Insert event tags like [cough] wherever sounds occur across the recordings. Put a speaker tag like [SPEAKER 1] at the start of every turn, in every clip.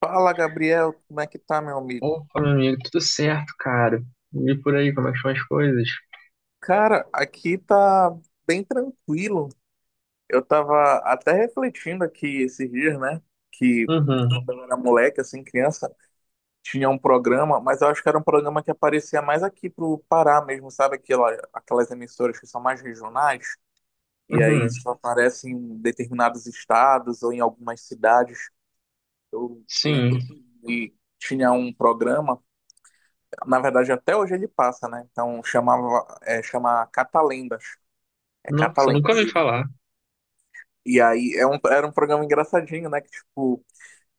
[SPEAKER 1] Fala, Gabriel, como é que tá, meu amigo?
[SPEAKER 2] Opa, meu amigo, tudo certo, cara? E por aí, como é que são as coisas?
[SPEAKER 1] Cara, aqui tá bem tranquilo. Eu tava até refletindo aqui esses dias, né? Que quando
[SPEAKER 2] Uhum,
[SPEAKER 1] eu era moleque, assim, criança, tinha um programa, mas eu acho que era um programa que aparecia mais aqui pro Pará mesmo, sabe? Aquelas emissoras que são mais regionais, e aí
[SPEAKER 2] uhum,
[SPEAKER 1] só aparecem em determinados estados ou em algumas cidades. Eu lembro
[SPEAKER 2] sim.
[SPEAKER 1] que tinha um programa. Na verdade, até hoje ele passa, né? Então chamava, chama Catalendas. É
[SPEAKER 2] Nossa, eu nunca
[SPEAKER 1] Catalendas.
[SPEAKER 2] ouvi
[SPEAKER 1] E,
[SPEAKER 2] falar.
[SPEAKER 1] e aí é era um programa engraçadinho, né? Que, tipo,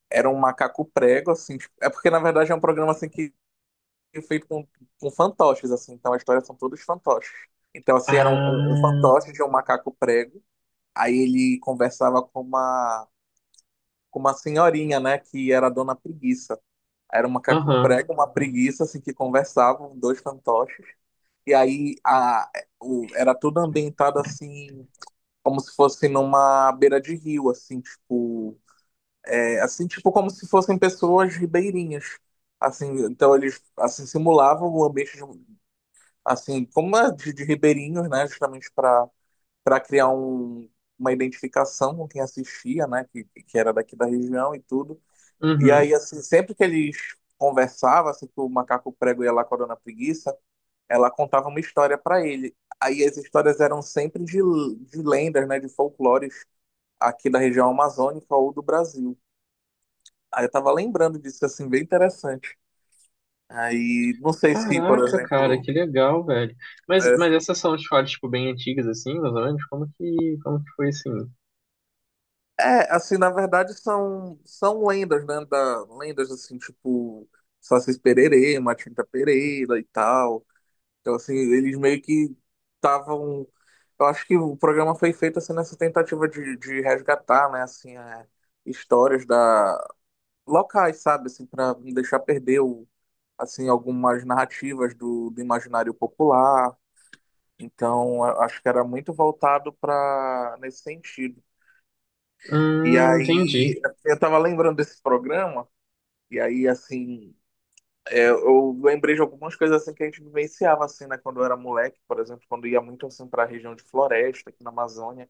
[SPEAKER 1] era um macaco prego, assim. Tipo, é porque, na verdade, é um programa assim que é feito com fantoches, assim. Então as histórias são todos fantoches. Então, assim, era um
[SPEAKER 2] Ah,
[SPEAKER 1] fantoche de um macaco prego. Aí ele conversava com uma senhorinha, né? Que era a dona preguiça. Era um macaco
[SPEAKER 2] aham,
[SPEAKER 1] prego, uma preguiça, assim, que conversavam, dois fantoches. E aí era tudo ambientado assim, como se fosse numa beira de rio, assim, tipo, é, assim, tipo como se fossem pessoas ribeirinhas. Assim, então eles assim simulavam o ambiente de, um, assim, como é de ribeirinhos, né, justamente para criar um, uma identificação com quem assistia, né, que era daqui da região e tudo. E aí
[SPEAKER 2] uhum.
[SPEAKER 1] assim, sempre que eles conversavam, assim, que o macaco prego ia lá com a dona preguiça, ela contava uma história para ele. Aí as histórias eram sempre de lendas, né, de folclores aqui da região amazônica ou do Brasil. Aí eu tava lembrando disso, assim, bem interessante. Aí, não sei se, por
[SPEAKER 2] Caraca, cara,
[SPEAKER 1] exemplo,
[SPEAKER 2] que legal, velho. Mas,
[SPEAKER 1] é,
[SPEAKER 2] mas essas são escolas, tipo, bem antigas, assim, mais ou menos? Como que foi, assim?
[SPEAKER 1] é, assim, na verdade são lendas, né, da, lendas assim, tipo Sacis Pererê, Matinta Pereira e tal. Então, assim, eles meio que estavam. Eu acho que o programa foi feito assim, nessa tentativa de resgatar, né, assim, é, histórias da locais, sabe, assim, para não deixar perder o, assim, algumas narrativas do imaginário popular. Então, eu acho que era muito voltado para nesse sentido. E
[SPEAKER 2] Entendi.
[SPEAKER 1] aí, eu tava lembrando desse programa, e aí, assim. É, eu lembrei de algumas coisas assim que a gente vivenciava assim, né, quando eu era moleque, por exemplo, quando eu ia muito assim para a região de floresta aqui na Amazônia,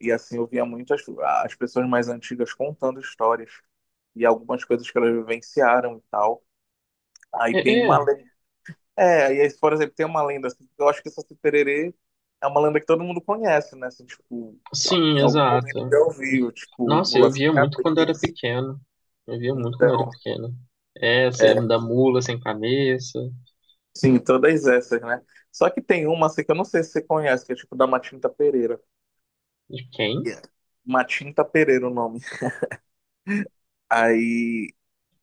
[SPEAKER 1] e assim eu via muitas as pessoas mais antigas contando histórias e algumas coisas que elas vivenciaram e tal. Aí
[SPEAKER 2] É,
[SPEAKER 1] tem uma
[SPEAKER 2] é,
[SPEAKER 1] lenda, é, e aí, por exemplo, tem uma lenda assim, que eu acho que essa Saci-Pererê é uma lenda que todo mundo conhece, né, assim, tipo,
[SPEAKER 2] sim,
[SPEAKER 1] em algum momento
[SPEAKER 2] exato.
[SPEAKER 1] já ouviu, tipo,
[SPEAKER 2] Nossa,
[SPEAKER 1] mula
[SPEAKER 2] eu
[SPEAKER 1] sem
[SPEAKER 2] via muito quando eu era
[SPEAKER 1] cabeça.
[SPEAKER 2] pequeno. Eu via muito quando eu era
[SPEAKER 1] Então,
[SPEAKER 2] pequeno. É, você
[SPEAKER 1] é,
[SPEAKER 2] da mula sem cabeça.
[SPEAKER 1] sim, todas essas, né? Só que tem uma assim, que eu não sei se você conhece, que é tipo da Matinta Pereira.
[SPEAKER 2] De quem?
[SPEAKER 1] Yeah. Matinta Pereira o nome. Aí,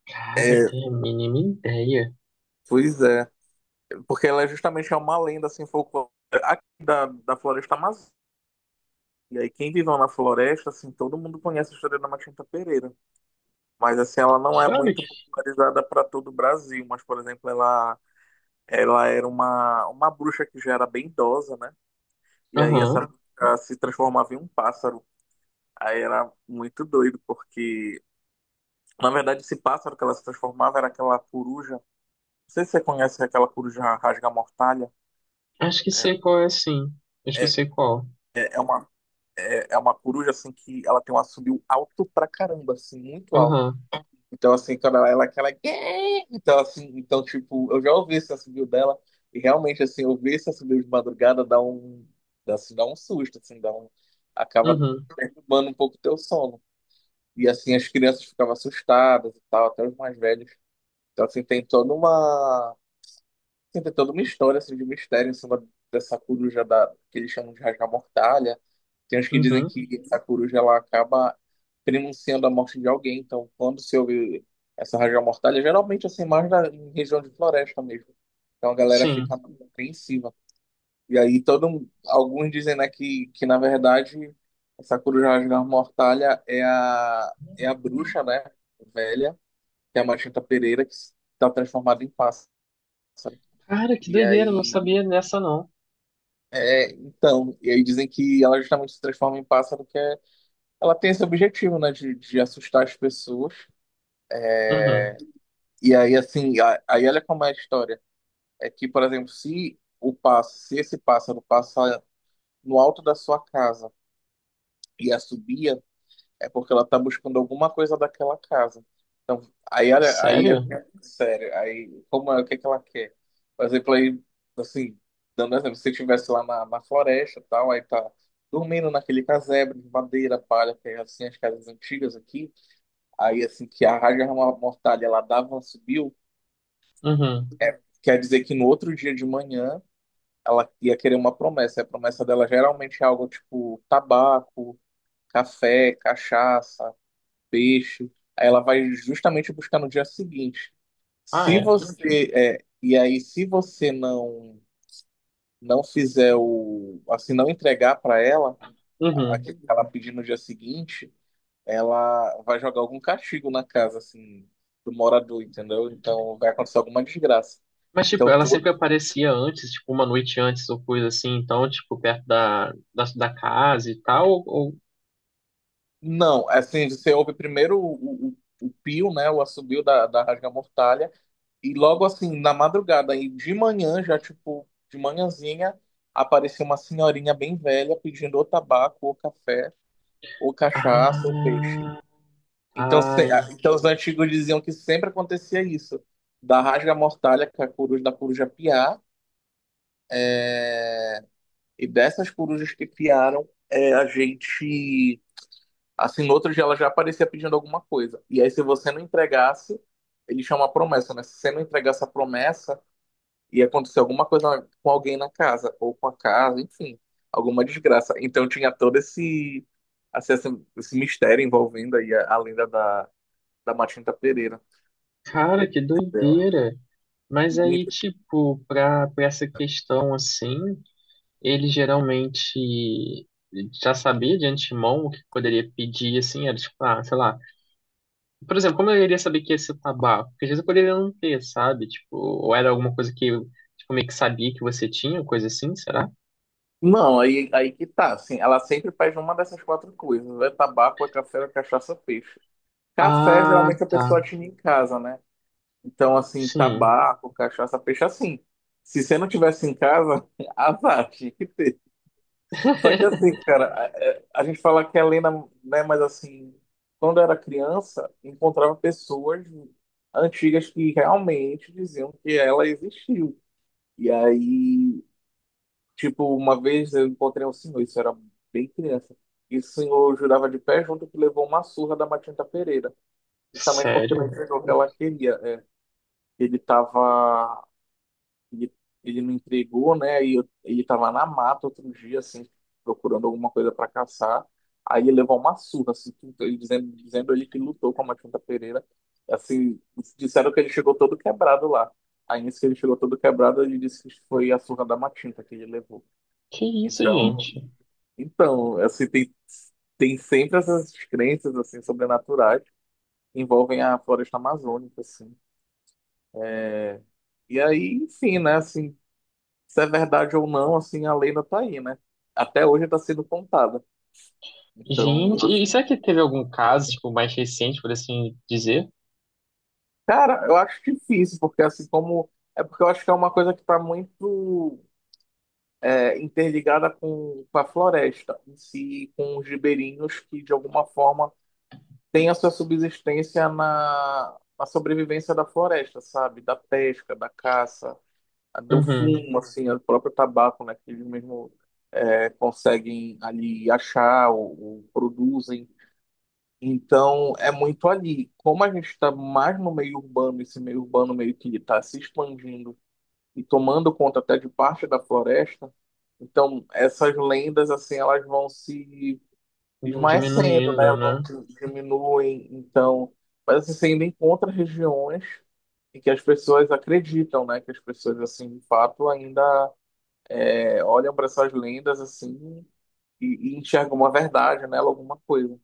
[SPEAKER 2] Cara, eu
[SPEAKER 1] é,
[SPEAKER 2] tenho a mínima ideia.
[SPEAKER 1] pois é. Porque ela é justamente é uma lenda, assim, folclórica aqui da floresta amazônica. E aí, quem viveu na floresta, assim, todo mundo conhece a história da Matinta Pereira. Mas, assim, ela não é
[SPEAKER 2] Claro
[SPEAKER 1] muito
[SPEAKER 2] que.
[SPEAKER 1] popularizada para todo o Brasil. Mas, por exemplo, ela era uma bruxa que já era bem idosa, né? E aí, essa
[SPEAKER 2] Aham.
[SPEAKER 1] bruxa se transformava em um pássaro. Aí era muito doido, porque na verdade esse pássaro que ela se transformava era aquela coruja. Não sei se você conhece aquela coruja rasga-mortalha.
[SPEAKER 2] Acho que sei qual é, sim. Acho que eu
[SPEAKER 1] É,
[SPEAKER 2] sei qual.
[SPEAKER 1] é uma, é uma coruja assim que ela tem um assobio alto pra caramba, assim, muito alto.
[SPEAKER 2] Aham.
[SPEAKER 1] Então, assim, quando ela é aquela. Então, assim, então, tipo, eu já ouvi esse assobio dela, e realmente, assim, ouvir esse assobio de madrugada dá um. Dá, assim, dá um susto, assim, dá um. Acaba
[SPEAKER 2] Uhum.
[SPEAKER 1] perturbando um pouco o teu sono. E assim, as crianças ficavam assustadas e tal, até os mais velhos. Então, assim, tem toda uma. Assim, tem toda uma história assim, de mistério em cima dessa coruja da... que eles chamam de Raja Mortalha. Tem uns que dizem
[SPEAKER 2] Uhum.
[SPEAKER 1] que essa coruja ela acaba prenunciando a morte de alguém. Então, quando se ouve essa Raja Mortalha, geralmente assim, mais na... em região de floresta mesmo. Então a galera fica
[SPEAKER 2] Sim.
[SPEAKER 1] apreensiva. E aí todo um- alguns dizem, né, que na verdade essa coruja Raja Mortalha é a bruxa, né, velha, que é a Machita Pereira que está transformada em pássaro.
[SPEAKER 2] Cara, que
[SPEAKER 1] E
[SPEAKER 2] doideira, não
[SPEAKER 1] aí,
[SPEAKER 2] sabia dessa, não.
[SPEAKER 1] é, então, e aí dizem que ela justamente se transforma em pássaro, que é, ela tem esse objetivo, né, de assustar as pessoas.
[SPEAKER 2] Uhum.
[SPEAKER 1] E aí, assim, a- aí olha como é a história. É que, por exemplo, se o pássaro, se esse pássaro passar no alto da sua casa e a subia é porque ela tá buscando alguma coisa daquela casa. Então, aí, olha, aí, é
[SPEAKER 2] Sério?
[SPEAKER 1] sério, aí, como é, o que que ela quer? Por exemplo, aí, assim, dando um exemplo, se estivesse lá na floresta e tal, aí tá dormindo naquele casebre de madeira, palha, que é assim, as casas antigas aqui, aí, assim, que a rádio mortalha, ela dava, ela subiu,
[SPEAKER 2] Uhum.
[SPEAKER 1] quer dizer que no outro dia de manhã, ela ia querer uma promessa, e a promessa dela geralmente é algo tipo tabaco, café, cachaça, peixe. Aí ela vai justamente buscar no dia seguinte.
[SPEAKER 2] Ah,
[SPEAKER 1] Se
[SPEAKER 2] é?
[SPEAKER 1] você é, e aí se você não fizer o assim não entregar para ela
[SPEAKER 2] Uhum.
[SPEAKER 1] aquilo que ela pedir no dia seguinte, ela vai jogar algum castigo na casa assim do morador, entendeu? Então vai acontecer alguma desgraça.
[SPEAKER 2] Mas, tipo,
[SPEAKER 1] Então
[SPEAKER 2] ela
[SPEAKER 1] todo...
[SPEAKER 2] sempre aparecia antes, tipo, uma noite antes ou coisa assim, então, tipo, perto da casa e tal, ou-
[SPEAKER 1] não, assim você ouve primeiro o pio, né, o assobio da rasga-mortalha. E logo assim, na madrugada, aí de manhã, já tipo, de manhãzinha, apareceu uma senhorinha bem velha pedindo ou tabaco, ou café, ou cachaça, ou peixe.
[SPEAKER 2] Ah,
[SPEAKER 1] Então, se-
[SPEAKER 2] ai,
[SPEAKER 1] a- então os antigos diziam que sempre acontecia isso, da rasga-mortalha, que é a coruja da coruja piar, e dessas corujas que piaram, é, a gente, assim, no outro dia ela já aparecia pedindo alguma coisa. E aí, se você não entregasse, eles chamam a promessa, né? Se você não entregasse a promessa, e aconteceu alguma coisa com alguém na casa, ou com a casa, enfim, alguma desgraça. Então tinha todo esse, assim, esse mistério envolvendo aí a lenda da Matinta Pereira.
[SPEAKER 2] cara, que
[SPEAKER 1] Entendeu?
[SPEAKER 2] doideira. Mas aí,
[SPEAKER 1] Muito-
[SPEAKER 2] tipo, pra essa questão, assim, ele geralmente já sabia de antemão o que poderia pedir, assim, era tipo, ah, sei lá. Por exemplo, como eu iria saber que ia ser tabaco? Porque às vezes eu poderia não ter, sabe? Tipo, ou era alguma coisa que eu, tipo, meio que sabia que você tinha, coisa assim, será?
[SPEAKER 1] não, aí, aí que tá, assim, ela sempre faz uma dessas quatro coisas, ou é tabaco, é café, ou é cachaça, peixe. Café,
[SPEAKER 2] Ah,
[SPEAKER 1] geralmente a
[SPEAKER 2] tá.
[SPEAKER 1] pessoa tinha em casa, né? Então, assim,
[SPEAKER 2] Sim.
[SPEAKER 1] tabaco, cachaça, peixe, assim, se você não tivesse em casa, [laughs] azar, tinha que ter. Só que assim,
[SPEAKER 2] [laughs]
[SPEAKER 1] cara, é- a gente fala que é lenda, né? Mas assim, quando eu era criança, encontrava pessoas antigas que realmente diziam que ela existiu. E aí, tipo, uma vez eu encontrei um senhor, isso era bem criança. E o senhor jurava de pé junto que levou uma surra da Matinta Pereira, justamente porque não
[SPEAKER 2] Sério?
[SPEAKER 1] entregou o que ela queria. É, ele estava ele, ele não entregou, né? E eu- ele tava na mata outro dia, assim, procurando alguma coisa para caçar. Aí ele levou uma surra, assim, que- ele dizendo ele que lutou com a Matilda Pereira. Assim, disseram que ele chegou todo quebrado lá. Aí, nisso que ele chegou todo quebrado, ele disse que foi a surra da Matilda que ele levou.
[SPEAKER 2] Que isso,
[SPEAKER 1] Então,
[SPEAKER 2] gente?
[SPEAKER 1] então, assim, tem sempre essas crenças, assim, sobrenaturais que envolvem a floresta amazônica, assim. E aí, enfim, né, assim, se é verdade ou não, assim, a lenda tá aí, né? Até hoje tá sendo contada. Então,
[SPEAKER 2] Gente, e será que teve algum caso, tipo, mais recente, por assim dizer?
[SPEAKER 1] cara, eu acho difícil, porque assim como. É porque eu acho que é uma coisa que tá muito é, interligada com a floresta em si, com os ribeirinhos que, de alguma forma, têm a sua subsistência na sobrevivência da floresta, sabe? Da pesca, da caça, a- do
[SPEAKER 2] Uhum.
[SPEAKER 1] fumo, assim, o próprio tabaco, né? Que eles mesmo é, conseguem ali achar ou produzem. Então, é muito ali. Como a gente está mais no meio urbano, esse meio urbano meio que está se expandindo e tomando conta até de parte da floresta, então essas lendas, assim, elas vão se esmaecendo, né?
[SPEAKER 2] Diminuindo, né?
[SPEAKER 1] Vão se- diminuem, então... Mas, assim, você ainda encontra regiões em que as pessoas acreditam, né? Que as pessoas, assim, de fato, ainda é, olham para essas lendas, assim, e enxergam uma verdade nela, alguma coisa.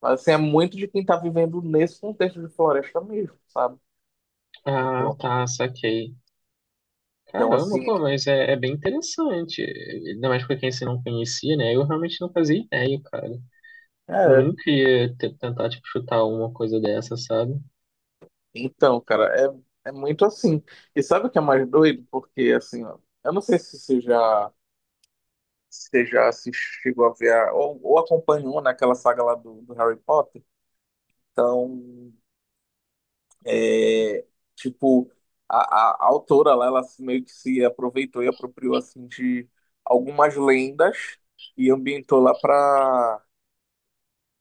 [SPEAKER 1] Mas assim, é muito de quem tá vivendo nesse contexto de floresta mesmo, sabe?
[SPEAKER 2] Ah,
[SPEAKER 1] Então,
[SPEAKER 2] tá, saquei.
[SPEAKER 1] então
[SPEAKER 2] Caramba,
[SPEAKER 1] assim,
[SPEAKER 2] pô, mas é, é bem interessante. Ainda mais pra quem você não conhecia, né? Eu realmente não fazia ideia, cara. Eu
[SPEAKER 1] é.
[SPEAKER 2] nunca ia te- tentar, tipo, chutar uma coisa dessa, sabe?
[SPEAKER 1] Então, cara, é, é muito assim. E sabe o que é mais doido? Porque, assim, ó, eu não sei se você já, se você já assistiu, chegou a ver, a- ou acompanhou naquela saga lá do Harry Potter. Então, é, tipo, a autora lá, ela se- meio que se aproveitou e apropriou, assim, de algumas lendas e ambientou lá pra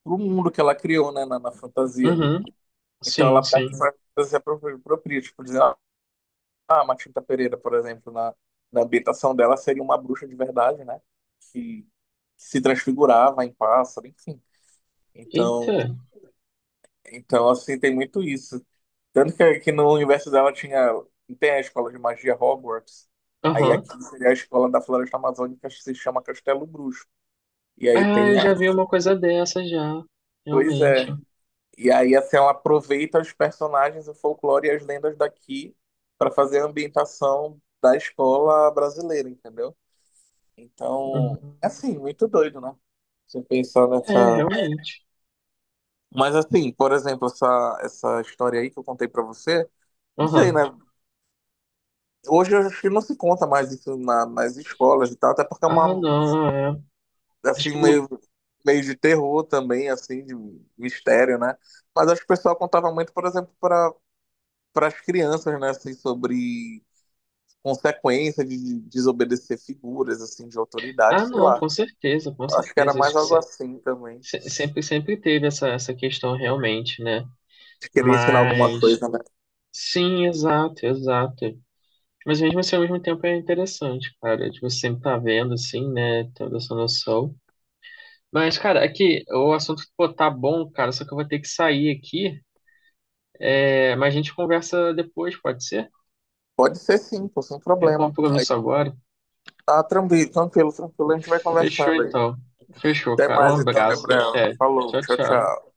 [SPEAKER 1] pro mundo que ela criou, né, na fantasia ali.
[SPEAKER 2] Uhum,
[SPEAKER 1] Então
[SPEAKER 2] sim,
[SPEAKER 1] ela
[SPEAKER 2] sim.
[SPEAKER 1] pega essa fantasia própria, tipo, dizer, ah, a Matilda Pereira, por exemplo, na, na ambientação dela seria uma bruxa de verdade, né, que se transfigurava em pássaro, enfim.
[SPEAKER 2] Eita,
[SPEAKER 1] Então, então assim, tem muito isso. Tanto que no universo dela tinha, tem a escola de magia Hogwarts, aí aqui
[SPEAKER 2] aham.
[SPEAKER 1] seria a escola da Floresta Amazônica, que se chama Castelo Bruxo. E aí
[SPEAKER 2] Ah, eu
[SPEAKER 1] tem a...
[SPEAKER 2] já vi uma coisa dessa já.
[SPEAKER 1] Pois
[SPEAKER 2] Realmente.
[SPEAKER 1] é. E aí, assim, ela aproveita os personagens, o folclore e as lendas daqui para fazer a ambientação da escola brasileira, entendeu? Então,
[SPEAKER 2] Uhum.
[SPEAKER 1] é assim, muito doido, né? Você pensar
[SPEAKER 2] É,
[SPEAKER 1] nessa.
[SPEAKER 2] realmente.
[SPEAKER 1] Mas, assim, por exemplo, essa história aí que eu contei para você, não sei, né?
[SPEAKER 2] Aham.
[SPEAKER 1] Hoje eu acho que não se conta mais isso na- nas escolas e tal, até porque é
[SPEAKER 2] Ah,
[SPEAKER 1] uma,
[SPEAKER 2] não, é. Acho
[SPEAKER 1] assim,
[SPEAKER 2] que mudou.
[SPEAKER 1] meio, meio de terror também, assim, de mistério, né? Mas acho que o pessoal contava muito, por exemplo, para as crianças, né, assim, sobre consequência de desobedecer figuras, assim, de autoridade,
[SPEAKER 2] Ah,
[SPEAKER 1] sei
[SPEAKER 2] não,
[SPEAKER 1] lá.
[SPEAKER 2] com certeza, com
[SPEAKER 1] Acho que era
[SPEAKER 2] certeza. Acho
[SPEAKER 1] mais
[SPEAKER 2] que
[SPEAKER 1] algo assim também,
[SPEAKER 2] sempre, sempre teve essa, essa questão realmente, né?
[SPEAKER 1] de querer ensinar alguma
[SPEAKER 2] Mas.
[SPEAKER 1] coisa, né?
[SPEAKER 2] Sim, exato, exato. Mas mesmo assim, ao mesmo tempo é interessante, cara. Tipo, você sempre tá vendo, assim, né? Tendo essa noção. Mas, cara, aqui, o assunto, pô, tá bom, cara, só que eu vou ter que sair aqui. É, mas a gente conversa depois, pode ser?
[SPEAKER 1] Pode ser sim, pô, sem
[SPEAKER 2] Tenho um
[SPEAKER 1] problema. Aí
[SPEAKER 2] compromisso agora.
[SPEAKER 1] tá tranquilo, a gente vai
[SPEAKER 2] Fechou,
[SPEAKER 1] conversando aí.
[SPEAKER 2] então. Fechou,
[SPEAKER 1] Até
[SPEAKER 2] cara.
[SPEAKER 1] mais
[SPEAKER 2] Um
[SPEAKER 1] então,
[SPEAKER 2] abraço.
[SPEAKER 1] Gabriel.
[SPEAKER 2] Até.
[SPEAKER 1] Falou,
[SPEAKER 2] Tchau,
[SPEAKER 1] tchau,
[SPEAKER 2] tchau.
[SPEAKER 1] tchau.